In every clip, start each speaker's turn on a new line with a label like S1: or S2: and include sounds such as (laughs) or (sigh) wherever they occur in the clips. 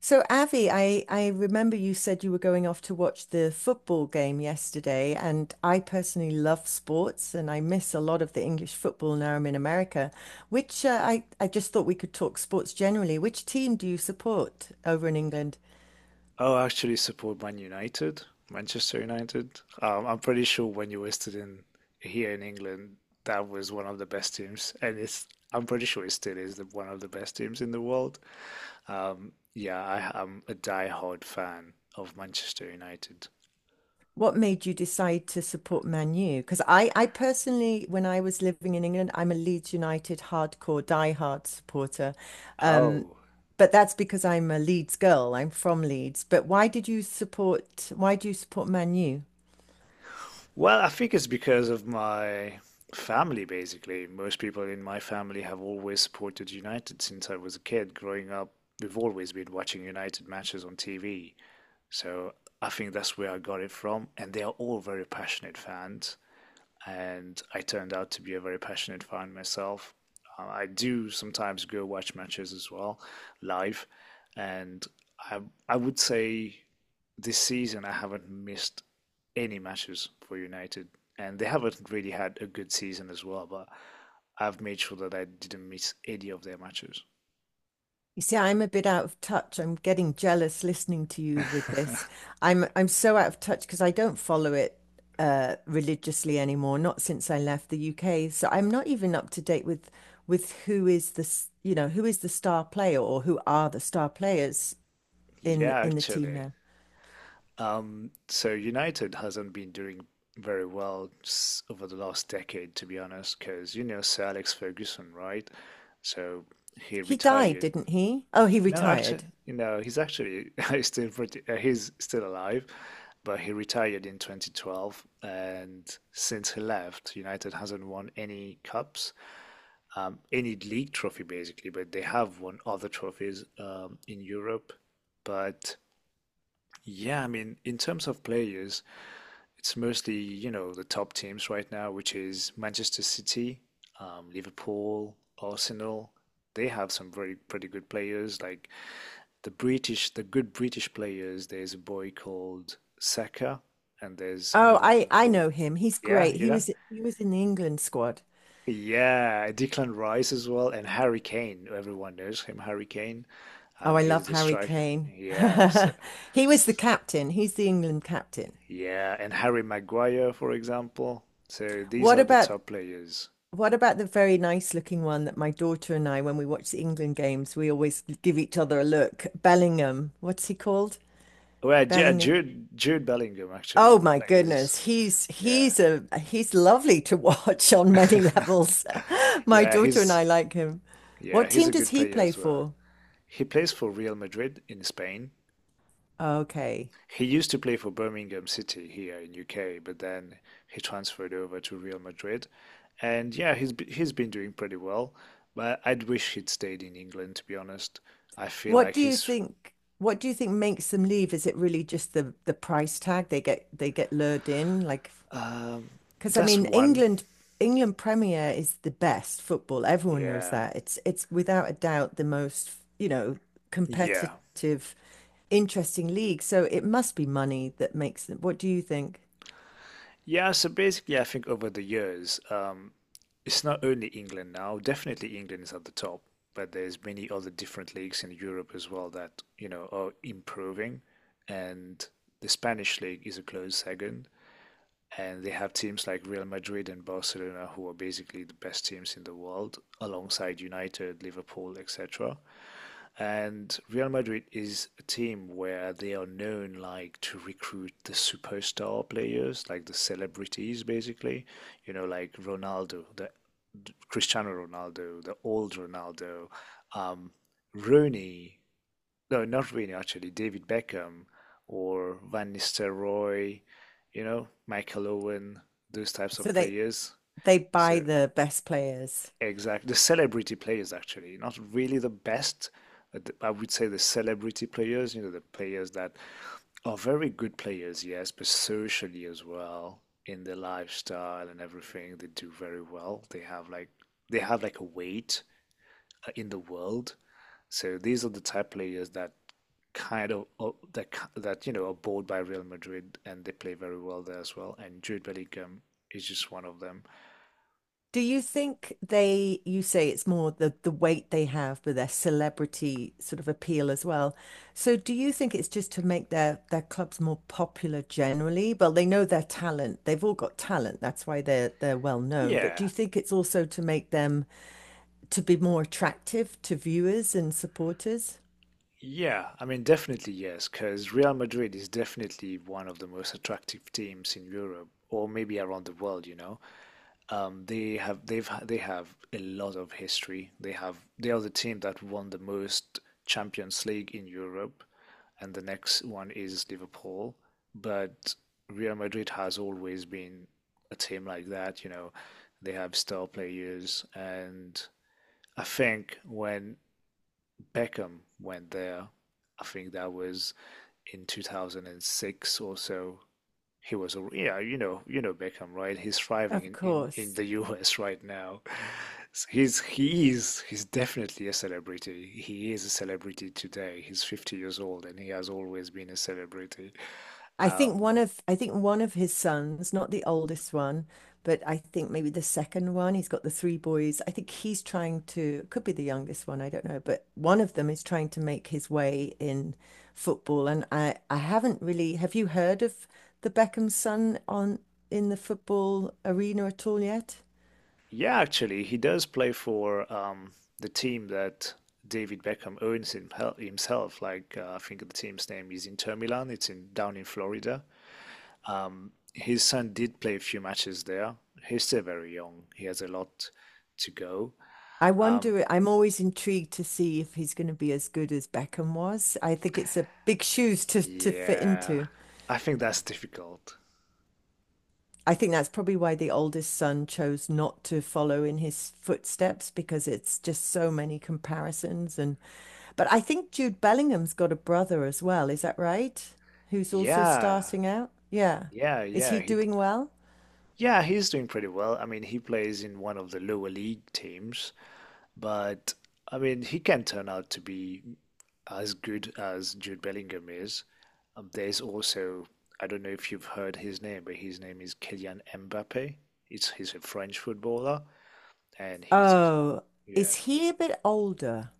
S1: So, Avi, I remember you said you were going off to watch the football game yesterday, and I personally love sports and I miss a lot of the English football now I'm in America, which I just thought we could talk sports generally. Which team do you support over in England?
S2: I'll actually support Man United, Manchester United. I'm pretty sure when you listed in here in England, that was one of the best teams, and it's, I'm pretty sure it still is one of the best teams in the world. Yeah, I am a diehard fan of Manchester United.
S1: What made you decide to support Man U? Because I personally, when I was living in England, I'm a Leeds United hardcore, diehard supporter. Um,
S2: Oh,
S1: but that's because I'm a Leeds girl. I'm from Leeds. But why did you support? Why do you support Man U?
S2: well, I think it's because of my family, basically. Most people in my family have always supported United since I was a kid. Growing up, we've always been watching United matches on TV. So I think that's where I got it from. And they are all very passionate fans. And I turned out to be a very passionate fan myself. I do sometimes go watch matches as well, live. And I, I would say this season I haven't missed any matches for United. And they haven't really had a good season as well. But I've made sure that I didn't miss any of their matches.
S1: You see, I'm a bit out of touch. I'm getting jealous listening to you with this. I'm so out of touch because I don't follow it religiously anymore, not since I left the UK. So I'm not even up to date with who is the who is the star player or who are the star players
S2: (laughs) yeah,
S1: in the team
S2: actually,
S1: now.
S2: Um, so United hasn't been doing very well over the last decade, to be honest, because you know Sir Alex Ferguson, right? So he
S1: He died,
S2: retired.
S1: didn't he? Oh, he
S2: No, actually,
S1: retired.
S2: you know, he's actually (laughs) he's still pretty, he's still alive, but he retired in 2012, and since he left, United hasn't won any cups, any league trophy basically, but they have won other trophies in Europe. But yeah, I mean, in terms of players, it's mostly, you know, the top teams right now, which is Manchester City, Liverpool, Arsenal. They have some very pretty good players, like the good British players. There's a boy called Saka, and there's
S1: Oh,
S2: another
S1: I
S2: one
S1: I
S2: called,
S1: know him. He's
S2: yeah,
S1: great.
S2: you
S1: He
S2: know,
S1: was he was in the England squad.
S2: yeah, Declan Rice as well, and Harry Kane. Everyone knows him, Harry Kane.
S1: Oh, I
S2: He's
S1: love
S2: the
S1: Harry
S2: striker.
S1: Kane.
S2: Yeah, so,
S1: (laughs) He was the captain. He's the England captain.
S2: yeah, and Harry Maguire, for example. So these
S1: What
S2: are the
S1: about
S2: top players.
S1: what about the very nice looking one that my daughter and I, when we watch the England games, we always give each other a look. Bellingham, what's he called?
S2: Well, yeah,
S1: Bellingham.
S2: Jude Bellingham actually.
S1: Oh
S2: He
S1: my
S2: plays.
S1: goodness, he's
S2: Yeah.
S1: he's a he's lovely to watch (laughs) on many
S2: (laughs)
S1: levels. (laughs) My
S2: Yeah,
S1: daughter and
S2: he's
S1: I like him.
S2: yeah,
S1: What
S2: he's
S1: team
S2: a
S1: does
S2: good
S1: he
S2: player
S1: play
S2: as well.
S1: for?
S2: He plays for Real Madrid in Spain.
S1: Okay.
S2: He used to play for Birmingham City here in UK, but then he transferred over to Real Madrid. And yeah, he's been doing pretty well, but I'd wish he'd stayed in England to be honest. I feel
S1: What
S2: like
S1: do you
S2: he's
S1: think what do you think makes them leave? Is it really just the price tag they get lured in like
S2: um
S1: because I
S2: that's
S1: mean,
S2: one.
S1: England, England Premier is the best football. Everyone knows
S2: Yeah.
S1: that. It's without a doubt the most, you know,
S2: Yeah.
S1: competitive, interesting league. So it must be money that makes them. What do you think?
S2: Yeah, so basically, I think over the years, it's not only England now. Definitely, England is at the top, but there's many other different leagues in Europe as well that, you know, are improving. And the Spanish league is a close second. And they have teams like Real Madrid and Barcelona, who are basically the best teams in the world, alongside United, Liverpool, etc. And Real Madrid is a team where they are known like to recruit the superstar players, like the celebrities basically, you know, like Ronaldo, the Cristiano Ronaldo, the old Ronaldo, um, Rooney, no, not Rooney actually, David Beckham or Van Nistelrooy, you know, Michael Owen, those types
S1: So
S2: of
S1: they
S2: players.
S1: they buy
S2: So
S1: the best players.
S2: exactly. The celebrity players, actually, not really the best. But I would say the celebrity players, you know, the players that are very good players, yes, but socially as well, in their lifestyle and everything, they do very well. They have like a weight in the world. So these are the type players that kind of that you know are bought by Real Madrid and they play very well there as well. And Jude Bellingham is just one of them.
S1: Do you think they, you say it's more the weight they have, but their celebrity sort of appeal as well. So do you think it's just to make their clubs more popular generally? Well, they know their talent. They've all got talent. That's why they're well known. But do you
S2: Yeah,
S1: think it's also to make them to be more attractive to viewers and supporters?
S2: yeah, I mean, definitely yes, because Real Madrid is definitely one of the most attractive teams in Europe or maybe around the world, you know. They they have a lot of history. They are the team that won the most Champions League in Europe, and the next one is Liverpool. But Real Madrid has always been a team like that, you know. They have star players, and I think when Beckham went there. I think that was in 2006 or so. He was, yeah, you know Beckham, right? He's thriving
S1: Of
S2: in
S1: course.
S2: the (laughs) US right now. So he's he's definitely a celebrity. He is a celebrity today. He's 50 years old and he has always been a celebrity.
S1: I think
S2: Um,
S1: one of I think one of his sons, not the oldest one, but I think maybe the second one, he's got the three boys. I think he's trying to, could be the youngest one, I don't know, but one of them is trying to make his way in football. And I haven't really, have you heard of the Beckham son on in the football arena at all yet?
S2: Yeah, actually, he does play for the team that David Beckham owns himself. Like I think the team's name is Inter Milan. It's in down in Florida. His son did play a few matches there. He's still very young. He has a lot to go.
S1: I
S2: Um,
S1: wonder, I'm always intrigued to see if he's going to be as good as Beckham was. I think it's a big shoes to fit
S2: yeah,
S1: into.
S2: I think that's difficult.
S1: I think that's probably why the oldest son chose not to follow in his footsteps because it's just so many comparisons and but I think Jude Bellingham's got a brother as well, is that right? Who's also
S2: Yeah,
S1: starting out? Yeah. Is he
S2: yeah. He
S1: doing well?
S2: yeah, he's doing pretty well. I mean, he plays in one of the lower league teams, but I mean, he can turn out to be as good as Jude Bellingham is. There's also, I don't know if you've heard his name, but his name is Kylian Mbappe. It's he's a French footballer, and
S1: Oh,
S2: yeah.
S1: is he a bit older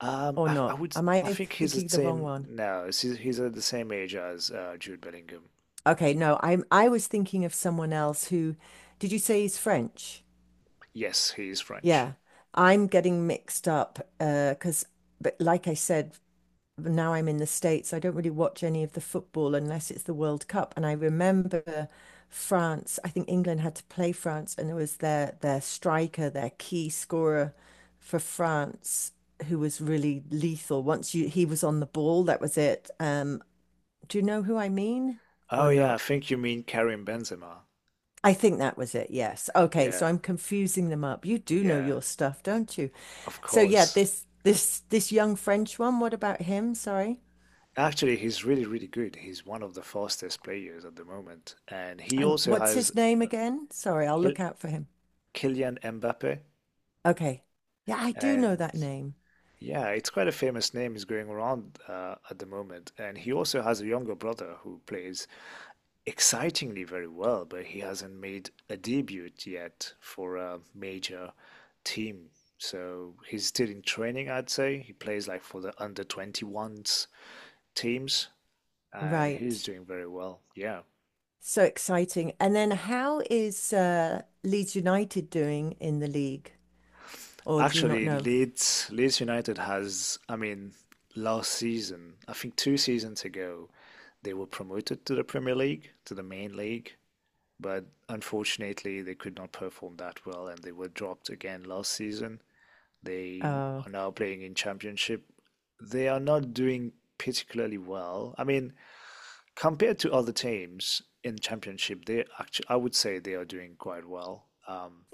S1: or
S2: I
S1: not?
S2: would
S1: Am I
S2: I think he's the
S1: thinking the wrong
S2: same.
S1: one?
S2: No, he's at the same age as Jude Bellingham.
S1: Okay, no, I was thinking of someone else who did you say he's French?
S2: Yes, he is French.
S1: Yeah. I'm getting mixed up 'cause but like I said now I'm in the States, I don't really watch any of the football unless it's the World Cup. And I remember France, I think England had to play France, and it was their striker, their key scorer for France, who was really lethal. Once you he was on the ball, that was it. Do you know who I mean or
S2: Oh yeah, I
S1: not?
S2: think you mean Karim Benzema.
S1: I think that was it, yes. Okay, so
S2: Yeah,
S1: I'm confusing them up. You do know
S2: yeah.
S1: your stuff, don't you?
S2: Of
S1: So yeah,
S2: course.
S1: this young French one, what about him? Sorry.
S2: Actually, he's really, really good. He's one of the fastest players at the moment. And he
S1: And
S2: also
S1: what's
S2: has
S1: his name again? Sorry, I'll
S2: Kyl-
S1: look out for him.
S2: Kylian Mbappe.
S1: Okay. Yeah, I do know
S2: And
S1: that name.
S2: yeah, it's quite a famous name is going around at the moment. And he also has a younger brother who plays excitingly very well, but he hasn't made a debut yet for a major team. So he's still in training, I'd say. He plays like for the under 21s teams, and he's
S1: Right.
S2: doing very well. Yeah.
S1: So exciting. And then how is Leeds United doing in the league? Or do you not
S2: Actually,
S1: know?
S2: Leeds United has, I mean, last season, I think two seasons ago, they were promoted to the Premier League, to the main league, but unfortunately, they could not perform that well and they were dropped again last season. They
S1: Oh.
S2: are now playing in Championship. They are not doing particularly well. I mean, compared to other teams in Championship, they actually, I would say they are doing quite well.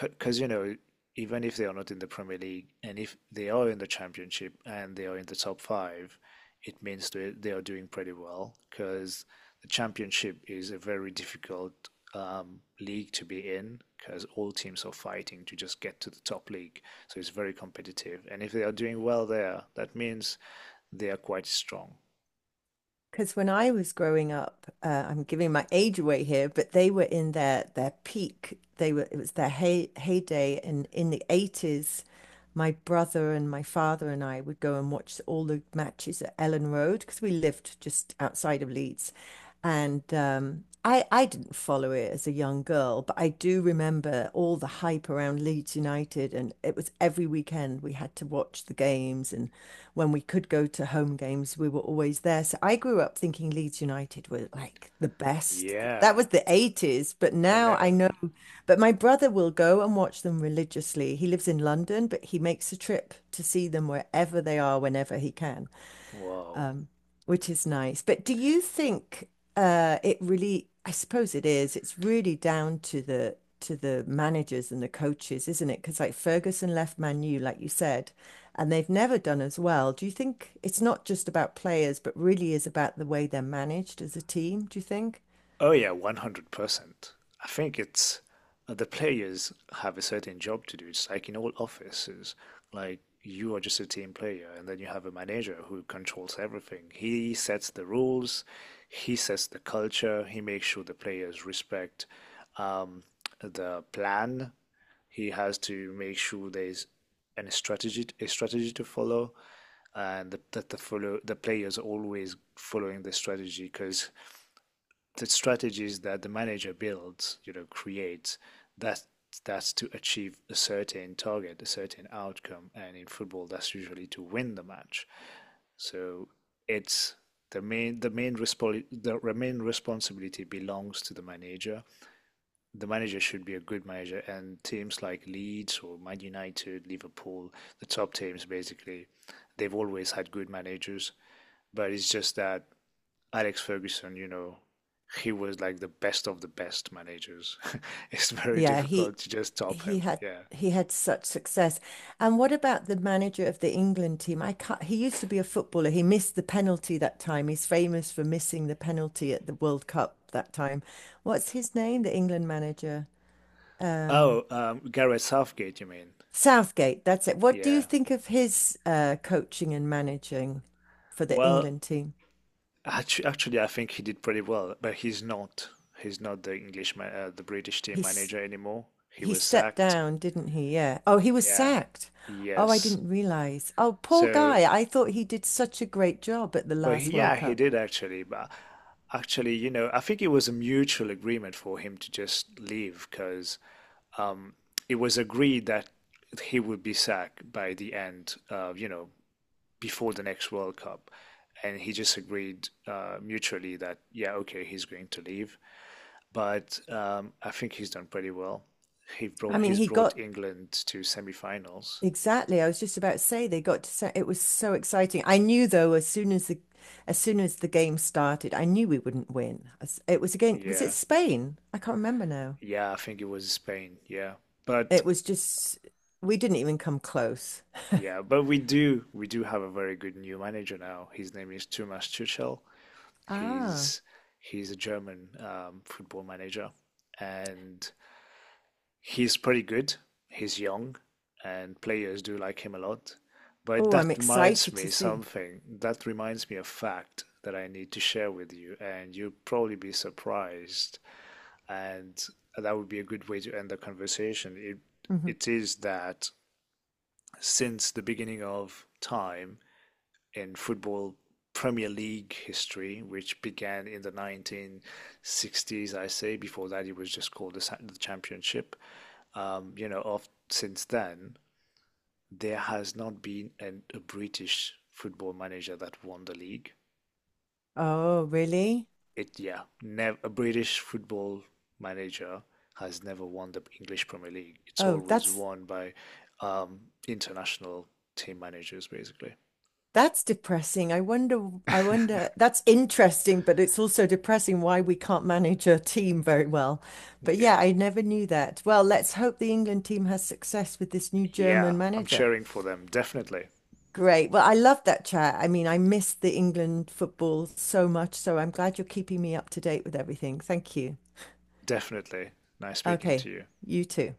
S2: Because you know even if they are not in the Premier League and if they are in the Championship and they are in the top five, it means they are doing pretty well because the Championship is a very difficult league to be in because all teams are fighting to just get to the top league, so it's very competitive. And if they are doing well there, that means they are quite strong.
S1: Because when I was growing up, I'm giving my age away here, but they were in their peak. They were it was their heyday, and in the 80s, my brother and my father and I would go and watch all the matches at Ellen Road because we lived just outside of Leeds, and I didn't follow it as a young girl, but I do remember all the hype around Leeds United, and it was every weekend we had to watch the games and when we could go to home games, we were always there. So I grew up thinking Leeds United were like the best. That
S2: Yeah,
S1: was the 80s, but
S2: I
S1: now I
S2: know.
S1: know. But my brother will go and watch them religiously. He lives in London, but he makes a trip to see them wherever they are, whenever he can
S2: Wow.
S1: um, which is nice. But do you think it really, I suppose it is, it's really down to the managers and the coaches, isn't it? Because like Ferguson left Man U, like you said, and they've never done as well. Do you think it's not just about players, but really is about the way they're managed as a team, do you think?
S2: Oh yeah, 100%. I think it's the players have a certain job to do. It's like in all offices, like you are just a team player, and then you have a manager who controls everything. He sets the rules, he sets the culture, he makes sure the players respect um, the plan. He has to make sure there's an strategy a strategy to follow, and that the players always following the strategy because the strategies that the manager builds, you know, creates, that that's to achieve a certain target, a certain outcome, and in football, that's usually to win the match. So it's the main responsibility belongs to the manager. The manager should be a good manager, and teams like Leeds or Man United, Liverpool, the top teams basically, they've always had good managers. But it's just that Alex Ferguson, you know, he was like the best of the best managers. (laughs) It's very
S1: Yeah,
S2: difficult to just top
S1: he
S2: him.
S1: had
S2: Yeah.
S1: he had such success. And what about the manager of the England team? I can't, he used to be a footballer. He missed the penalty that time. He's famous for missing the penalty at the World Cup that time. What's his name? The England manager. Um,
S2: Oh, Gareth Southgate, you mean?
S1: Southgate, that's it. What do you
S2: Yeah.
S1: think of his coaching and managing for the
S2: Well,
S1: England team?
S2: actually, I think he did pretty well, but he's not. He's not the the British team
S1: He's
S2: manager anymore. He
S1: he
S2: was
S1: stepped
S2: sacked.
S1: down, didn't he? Yeah. Oh, he was
S2: Yeah.
S1: sacked. Oh, I
S2: Yes.
S1: didn't realize. Oh, poor
S2: So,
S1: guy. I thought he did such a great job at the last
S2: yeah,
S1: World
S2: he
S1: Cup.
S2: did actually. But actually, you know, I think it was a mutual agreement for him to just leave because um, it was agreed that he would be sacked by the end, you know, before the next World Cup. And he just agreed mutually that, yeah, okay, he's going to leave. But I think he's done pretty well.
S1: I mean,
S2: He's
S1: he
S2: brought
S1: got
S2: England to semifinals.
S1: exactly. I was just about to say they got to say it was so exciting. I knew though, as soon as the game started, I knew we wouldn't win. As- it was again, was it
S2: Yeah,
S1: Spain? I can't remember now.
S2: yeah, I think it was Spain. Yeah, but
S1: It was just we didn't even come close.
S2: yeah, but we do have a very good new manager now. His name is Thomas Tuchel.
S1: Ah.
S2: He's he's a German football manager, and he's pretty good. He's young, and players do like him a lot. But
S1: Oh, I'm
S2: that reminds
S1: excited to
S2: me
S1: see.
S2: something. That reminds me of a fact that I need to share with you, and you'll probably be surprised. And that would be a good way to end the conversation.
S1: Hmm.
S2: It is that since the beginning of time, in football Premier League history, which began in the 1960s, I say. Before that, it was just called the Championship. You know, of, since then, there has not been a British football manager that won the league.
S1: Oh, really?
S2: It, yeah, a British football manager has never won the English Premier League. It's
S1: Oh,
S2: always
S1: that's
S2: won by um, international team managers, basically.
S1: That's depressing. I wonder, that's interesting, but it's also depressing why we can't manage a team very well. But yeah,
S2: Yeah,
S1: I never knew that. Well, let's hope the England team has success with this new German
S2: yeah, I'm
S1: manager.
S2: cheering for them, definitely.
S1: Great. Well, I love that chat. I mean, I miss the England football so much, so I'm glad you're keeping me up to date with everything. Thank you.
S2: Definitely. Nice speaking to
S1: Okay,
S2: you.
S1: you too.